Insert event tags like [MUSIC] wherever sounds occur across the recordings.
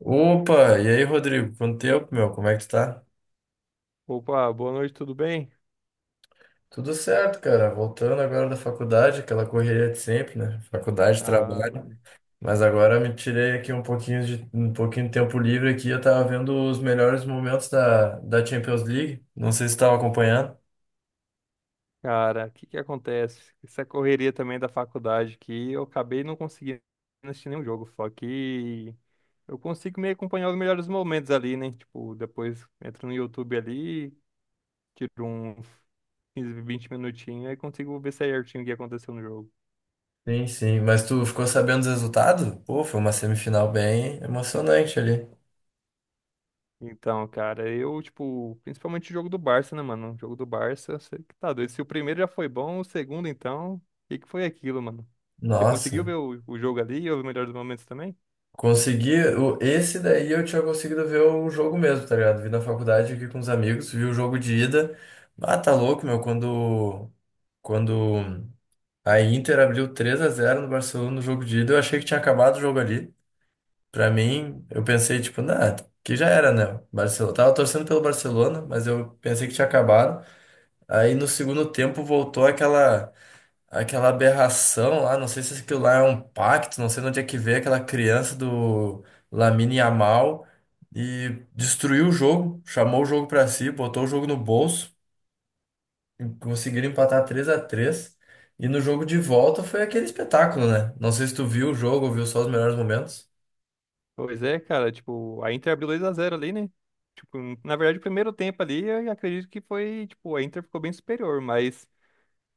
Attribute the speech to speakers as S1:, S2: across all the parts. S1: Opa, e aí, Rodrigo? Quanto tempo, meu? Como é que tu tá?
S2: Opa, boa noite, tudo bem?
S1: Tudo certo, cara. Voltando agora da faculdade, aquela correria de sempre, né? Faculdade,
S2: Ah,
S1: trabalho.
S2: mano.
S1: Mas agora me tirei aqui um pouquinho de tempo livre aqui. Eu tava vendo os melhores momentos da Champions League. Não sei se tu tava acompanhando.
S2: Cara, o que que acontece? Essa correria também da faculdade que eu acabei não conseguindo assistir nenhum jogo, só que eu consigo me acompanhar os melhores momentos ali, né? Tipo, depois entro no YouTube ali, tiro uns 15, 20 minutinhos e consigo ver certinho o que aconteceu no jogo.
S1: Sim, sim. Mas tu ficou sabendo dos resultados? Pô, foi uma semifinal bem emocionante ali.
S2: Então, cara, eu, tipo, principalmente o jogo do Barça, né, mano? O jogo do Barça, você que tá doido. Se o primeiro já foi bom, o segundo, então, o que que foi aquilo, mano? Você conseguiu
S1: Nossa.
S2: ver o jogo ali e o melhor dos momentos também?
S1: Consegui, esse daí eu tinha conseguido ver o jogo mesmo, tá ligado? Vi na faculdade aqui com os amigos, vi o jogo de ida. Ah, tá louco, meu, quando a Inter abriu 3-0 no Barcelona no jogo de ida, eu achei que tinha acabado o jogo ali. Pra mim, eu pensei, tipo, nah, que já era, né? Barcelona. Tava torcendo pelo Barcelona, mas eu pensei que tinha acabado. Aí no segundo tempo voltou Aquela aberração lá, não sei se aquilo lá é um pacto, não sei de onde é que veio aquela criança do Lamine Yamal e destruiu o jogo, chamou o jogo pra si, botou o jogo no bolso, e conseguiram empatar 3-3 e no jogo de volta foi aquele espetáculo, né? Não sei se tu viu o jogo ou viu só os melhores momentos.
S2: Pois é, cara, tipo, a Inter abriu dois a zero ali, né? Tipo, na verdade, o primeiro tempo ali, eu acredito que foi, tipo, a Inter ficou bem superior, mas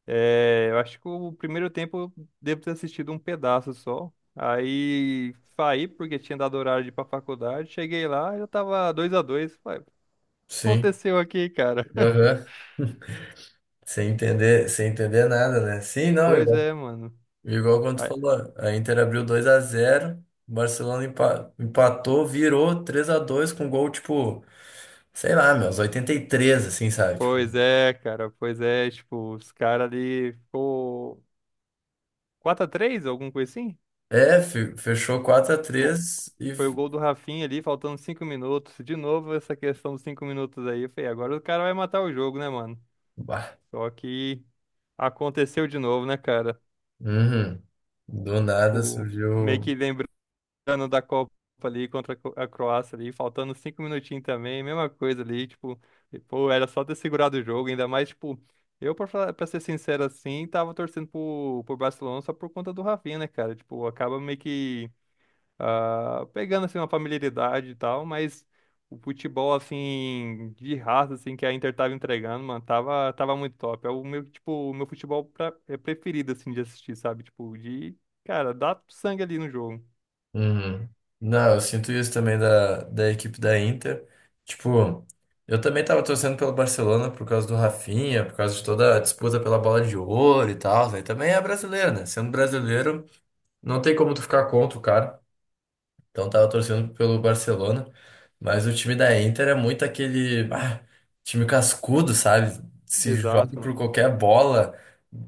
S2: é, eu acho que o primeiro tempo eu devo ter assistido um pedaço só. Aí saí porque tinha dado horário de ir pra faculdade, cheguei lá e eu tava dois a dois,
S1: Sim.
S2: aconteceu aqui, cara? [LAUGHS]
S1: Aham. Sem entender, sem entender nada, né? Sim, não, eu
S2: Pois é, mano.
S1: Igual quando tu
S2: Aí-
S1: falou, a Inter abriu 2-0 o Barcelona empatou, virou 3-2 com gol, tipo, sei lá, meus 83 assim, sabe? Tipo,
S2: Pois é, cara. Pois é, tipo, os caras ali ficou quatro x 3 alguma coisa assim?
S1: é, fechou quatro a
S2: Pô,
S1: três e.
S2: foi o gol do Rafinha ali, faltando 5 minutos. De novo, essa questão dos 5 minutos aí. Eu falei, agora o cara vai matar o jogo, né, mano?
S1: Bah.
S2: Só que aconteceu de novo, né, cara?
S1: Uhum. Do nada
S2: Tipo, meio
S1: surgiu.
S2: que lembrando ano da Copa ali contra a a Croácia ali, faltando cinco minutinhos também, mesma coisa ali, tipo, e, pô, era só ter segurado o jogo, ainda mais, tipo, eu, pra, pra ser sincero assim, tava torcendo pro Barcelona só por conta do Rafinha, né, cara? Tipo, acaba meio que pegando, assim, uma familiaridade e tal, mas o futebol, assim, de raça, assim, que a Inter tava entregando, mano, tava muito top. É o meu, tipo, o meu futebol é preferido, assim, de assistir, sabe? Tipo, de, cara, dá sangue ali no jogo.
S1: Uhum. Não, eu sinto isso também da equipe da Inter. Tipo, eu também tava torcendo pelo Barcelona por causa do Rafinha, por causa de toda a disputa pela bola de ouro e tal, né? E também é brasileiro, né? Sendo brasileiro. Não tem como tu ficar contra o cara. Então tava torcendo pelo Barcelona. Mas o time da Inter é muito aquele time cascudo, sabe? Se joga
S2: Exato,
S1: por
S2: mano.
S1: qualquer bola,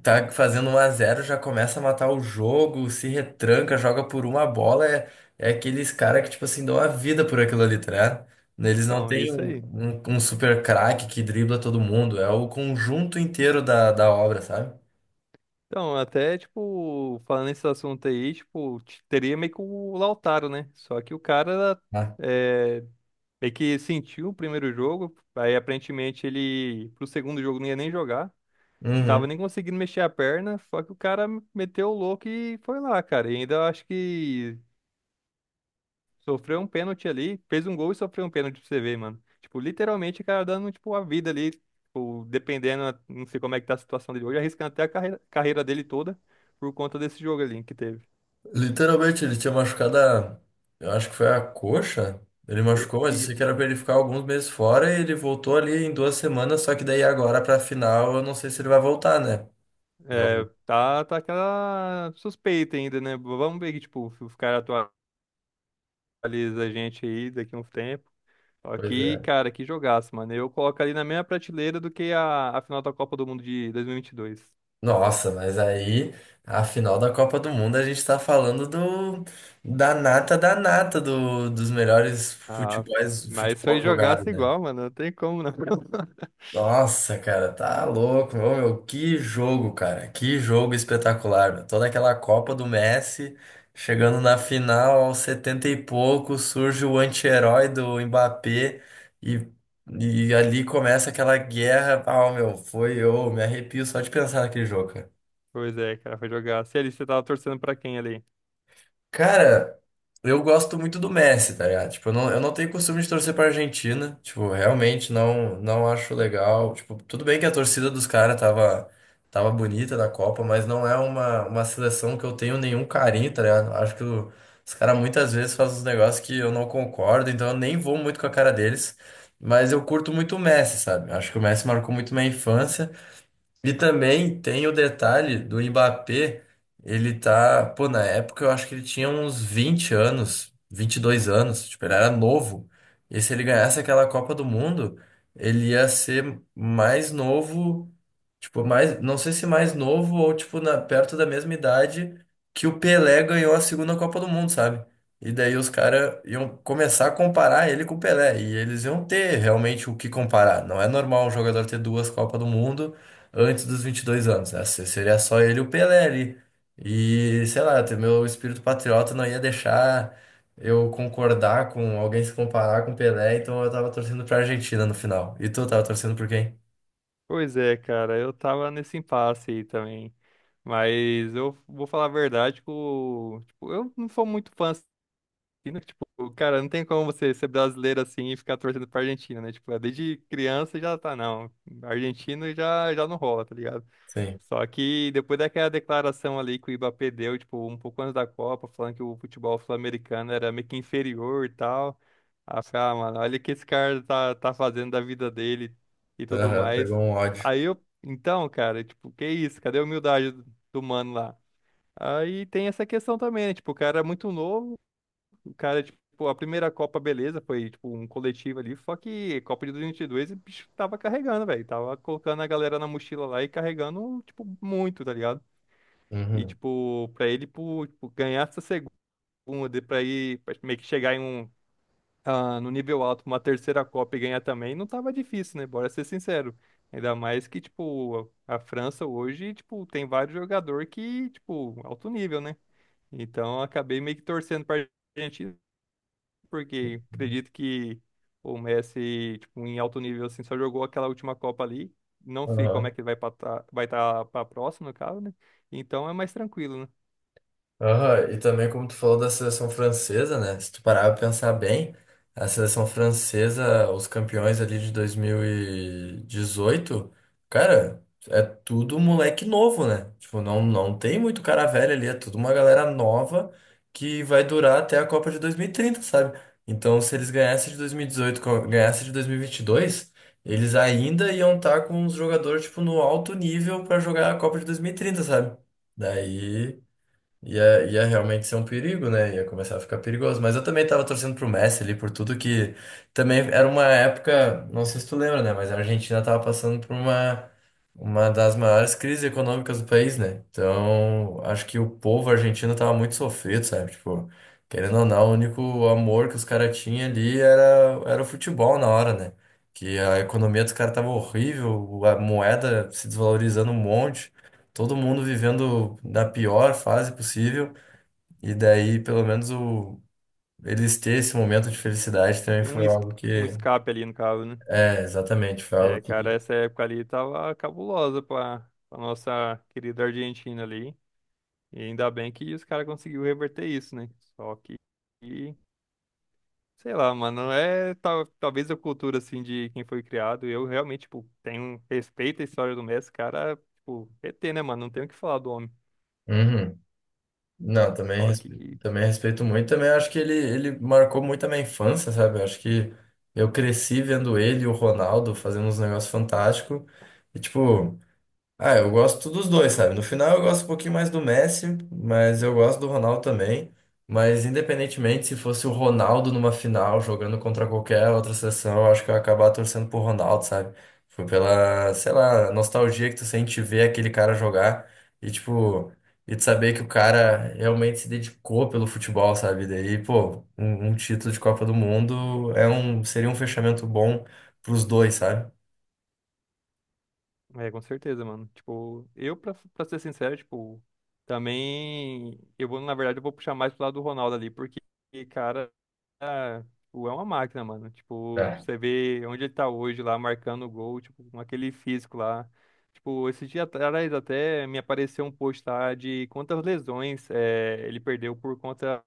S1: tá fazendo 1-0 já começa a matar o jogo, se retranca, joga por uma bola. É aqueles caras que, tipo assim, dão a vida por aquilo ali, tá ligado? Eles não
S2: Então, é
S1: têm
S2: isso aí.
S1: um super craque que dribla todo mundo. É o conjunto inteiro da obra, sabe?
S2: Então, até, tipo, falando nesse assunto aí, tipo, teria meio que o Lautaro, né? Só que o cara
S1: Ah.
S2: é, meio que sentiu o primeiro jogo, aí aparentemente ele, pro segundo jogo, não ia nem jogar, não tava
S1: Uhum.
S2: nem conseguindo mexer a perna, só que o cara meteu o louco e foi lá, cara. E ainda eu acho que sofreu um pênalti ali, fez um gol e sofreu um pênalti pra você ver, mano. Tipo, literalmente, o cara dando, tipo, a vida ali, tipo, dependendo, não sei como é que tá a situação dele hoje, arriscando até a carreira, carreira dele toda por conta desse jogo ali que teve.
S1: Literalmente, ele tinha machucado a. Eu acho que foi a coxa. Ele machucou, mas eu sei que era
S2: Isso.
S1: pra ele ficar alguns meses fora e ele voltou ali em 2 semanas, só que daí agora pra final eu não sei se ele vai voltar, né?
S2: É,
S1: Eu...
S2: tá aquela suspeita ainda, né? Vamos ver que, tipo, se os caras atualizam a gente aí daqui a um tempo. Só
S1: Pois
S2: que,
S1: é.
S2: cara, que jogaço, mano. Eu coloco ali na mesma prateleira do que a final da Copa do Mundo de 2022.
S1: Nossa, mas aí a final da Copa do Mundo a gente tá falando do da nata dos melhores
S2: Ah,
S1: futebols,
S2: mas
S1: futebol
S2: foi
S1: jogado,
S2: jogaço
S1: né?
S2: igual, mano. Não tem como, não. [LAUGHS]
S1: Nossa, cara, tá louco, meu, que jogo, cara, que jogo espetacular, meu. Toda aquela Copa do Messi, chegando na final aos 70 e pouco, surge o anti-herói do Mbappé e, e ali começa aquela guerra. Ah, meu, me arrepio só de pensar naquele jogo.
S2: Pois é, cara, foi jogaço. E ali, você tava torcendo pra quem ali?
S1: Cara, eu gosto muito do Messi, tá ligado? Tipo, eu não tenho costume de torcer pra Argentina. Tipo, realmente não acho legal. Tipo, tudo bem que a torcida dos caras tava bonita da Copa, mas não é uma seleção que eu tenho nenhum carinho, tá ligado? Acho que os caras muitas vezes fazem uns negócios que eu não concordo, então eu nem vou muito com a cara deles. Mas eu curto muito o Messi, sabe? Acho que o Messi marcou muito minha infância. E também tem o detalhe do Mbappé, ele tá, pô, na época eu acho que ele tinha uns 20 anos, 22 anos, tipo, ele era novo. E se ele ganhasse aquela Copa do Mundo, ele ia ser mais novo, tipo, mais, não sei se mais novo ou tipo perto da mesma idade que o Pelé ganhou a segunda Copa do Mundo, sabe? E daí os caras iam começar a comparar ele com o Pelé, e eles iam ter realmente o que comparar. Não é normal um jogador ter duas Copas do Mundo antes dos 22 anos, né? Seria só ele e o Pelé ali. E, sei lá, ter meu espírito patriota não ia deixar eu concordar com alguém se comparar com o Pelé, então eu tava torcendo pra Argentina no final. E tu tava torcendo por quem?
S2: Pois é, cara, eu tava nesse impasse aí também. Mas eu vou falar a verdade, que tipo, eu não sou muito fã assim, né? Tipo, cara, não tem como você ser brasileiro assim e ficar torcendo pra Argentina, né? Tipo, desde criança já tá, não. Argentino já, já não rola, tá ligado?
S1: Sim.
S2: Só que depois daquela declaração ali que o Mbappé deu, tipo, um pouco antes da Copa, falando que o futebol sul-americano era meio que inferior e tal. Aí eu falei, ah, mano, olha o que esse cara tá fazendo da vida dele e tudo
S1: Aham, pegou
S2: mais.
S1: um ódio.
S2: Aí eu, então, cara, tipo, que isso? Cadê a humildade do mano lá? Aí tem essa questão também, né? Tipo, o cara é muito novo. O cara, tipo, a primeira Copa, beleza, foi, tipo, um coletivo ali, só que Copa de 2022, o bicho tava carregando, velho, tava colocando a galera na mochila lá e carregando, tipo, muito, tá ligado? E,
S1: Uhum.
S2: tipo, pra ele, pô, tipo, ganhar essa segunda, pra ir, pra meio que chegar em um, no nível alto, uma terceira Copa e ganhar também, não tava difícil, né? Bora ser sincero. Ainda mais que, tipo, a França hoje, tipo, tem vários jogadores que, tipo, alto nível, né? Então, eu acabei meio que torcendo pra gente porque acredito que o Messi, tipo, em alto nível, assim, só jogou aquela última Copa ali. Não sei como é
S1: Aham.
S2: que ele vai estar para a próxima, no caso, né? Então é mais tranquilo, né?
S1: Aham, e também como tu falou da seleção francesa, né? Se tu parar pra pensar bem, a seleção francesa, os campeões ali de 2018, cara, é tudo moleque novo, né? Tipo, não tem muito cara velho ali, é tudo uma galera nova que vai durar até a Copa de 2030, sabe? Então, se eles ganhassem de 2018, ganhassem de 2022, eles ainda iam estar com os jogadores, tipo, no alto nível pra jogar a Copa de 2030, sabe? Daí. Ia realmente ser um perigo, né? Ia começar a ficar perigoso. Mas eu também tava torcendo pro Messi ali por tudo que. Também era uma época, não sei se tu lembra, né? Mas a Argentina tava passando por uma das maiores crises econômicas do país, né? Então, acho que o povo argentino tava muito sofrido, sabe? Tipo, querendo ou não, o único amor que os caras tinham ali era o futebol na hora, né? Que a economia dos caras tava horrível, a moeda se desvalorizando um monte, todo mundo vivendo da pior fase possível. E daí, pelo menos, eles ter esse momento de felicidade também
S2: Tem um,
S1: foi
S2: es-
S1: algo
S2: um
S1: que.
S2: escape ali, no caso, né?
S1: É, exatamente, foi algo
S2: É, cara,
S1: que.
S2: essa época ali tava cabulosa pra nossa querida Argentina ali. E ainda bem que os caras conseguiu reverter isso, né? Só que sei lá, mano, é tal, talvez a cultura, assim, de quem foi criado. Eu realmente, tipo, tenho respeito à história do Messi, cara, tipo, ET, né, mano? Não tenho o que falar do homem.
S1: Uhum. Não,
S2: Só que,
S1: também respeito muito. Também acho que ele marcou muito a minha infância, sabe? Eu acho que eu cresci vendo ele e o Ronaldo fazendo uns negócios fantásticos. E, tipo. Ah, eu gosto dos dois, sabe? No final eu gosto um pouquinho mais do Messi, mas eu gosto do Ronaldo também. Mas independentemente se fosse o Ronaldo numa final jogando contra qualquer outra seleção, eu acho que eu ia acabar torcendo pro Ronaldo, sabe? Foi pela, sei lá, nostalgia que tu sente ver aquele cara jogar e tipo, e de saber que o cara realmente se dedicou pelo futebol, sabe? Daí, pô, um título de Copa do Mundo seria um fechamento bom pros dois, sabe?
S2: é, com certeza, mano. Tipo, eu, pra, ser sincero, tipo, também. Eu vou, na verdade, eu vou puxar mais pro lado do Ronaldo ali, porque, cara, tipo, é uma máquina, mano. Tipo,
S1: É,
S2: você vê onde ele tá hoje lá, marcando o gol, tipo, com aquele físico lá. Tipo, esse dia atrás até me apareceu um post lá de quantas lesões ele perdeu por conta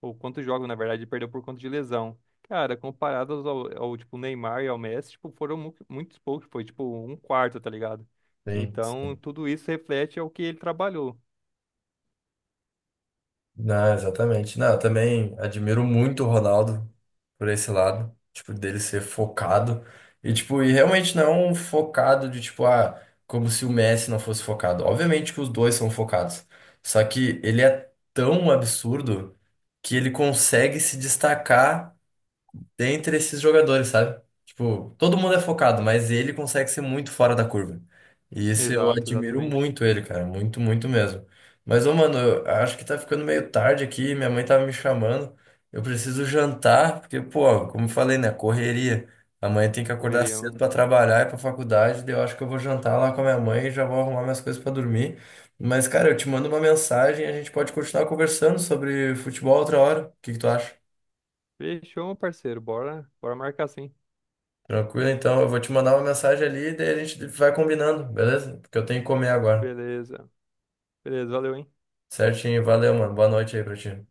S2: ou quantos jogos, na verdade, ele perdeu por conta de lesão. Cara, comparados ao tipo, Neymar e ao Messi, tipo, foram muitos poucos, foi tipo um quarto, tá ligado? Então,
S1: sim.
S2: tudo isso reflete ao que ele trabalhou.
S1: Não, exatamente. Não, eu também admiro muito o Ronaldo por esse lado, tipo, dele ser focado. E, tipo, e realmente não um focado de, tipo, como se o Messi não fosse focado. Obviamente que os dois são focados. Só que ele é tão absurdo que ele consegue se destacar dentre esses jogadores, sabe? Tipo, todo mundo é focado, mas ele consegue ser muito fora da curva. E isso eu
S2: Exato,
S1: admiro
S2: exatamente.
S1: muito ele, cara, muito, muito mesmo. Mas, ô, mano, eu acho que tá ficando meio tarde aqui, minha mãe tava me chamando. Eu preciso jantar, porque, pô, como eu falei, né, correria. Amanhã tem que acordar
S2: Correria,
S1: cedo
S2: mano.
S1: pra trabalhar e pra faculdade, daí eu acho que eu vou jantar lá com a minha mãe e já vou arrumar minhas coisas pra dormir. Mas, cara, eu te mando uma mensagem, e a gente pode continuar conversando sobre futebol outra hora. O que que tu acha?
S2: Fechou, meu parceiro. Bora, bora marcar sim.
S1: Tranquilo, então. Eu vou te mandar uma mensagem ali e daí a gente vai combinando, beleza? Porque eu tenho que comer agora.
S2: Beleza. Beleza, valeu, hein?
S1: Certinho, valeu, mano. Boa noite aí pra ti.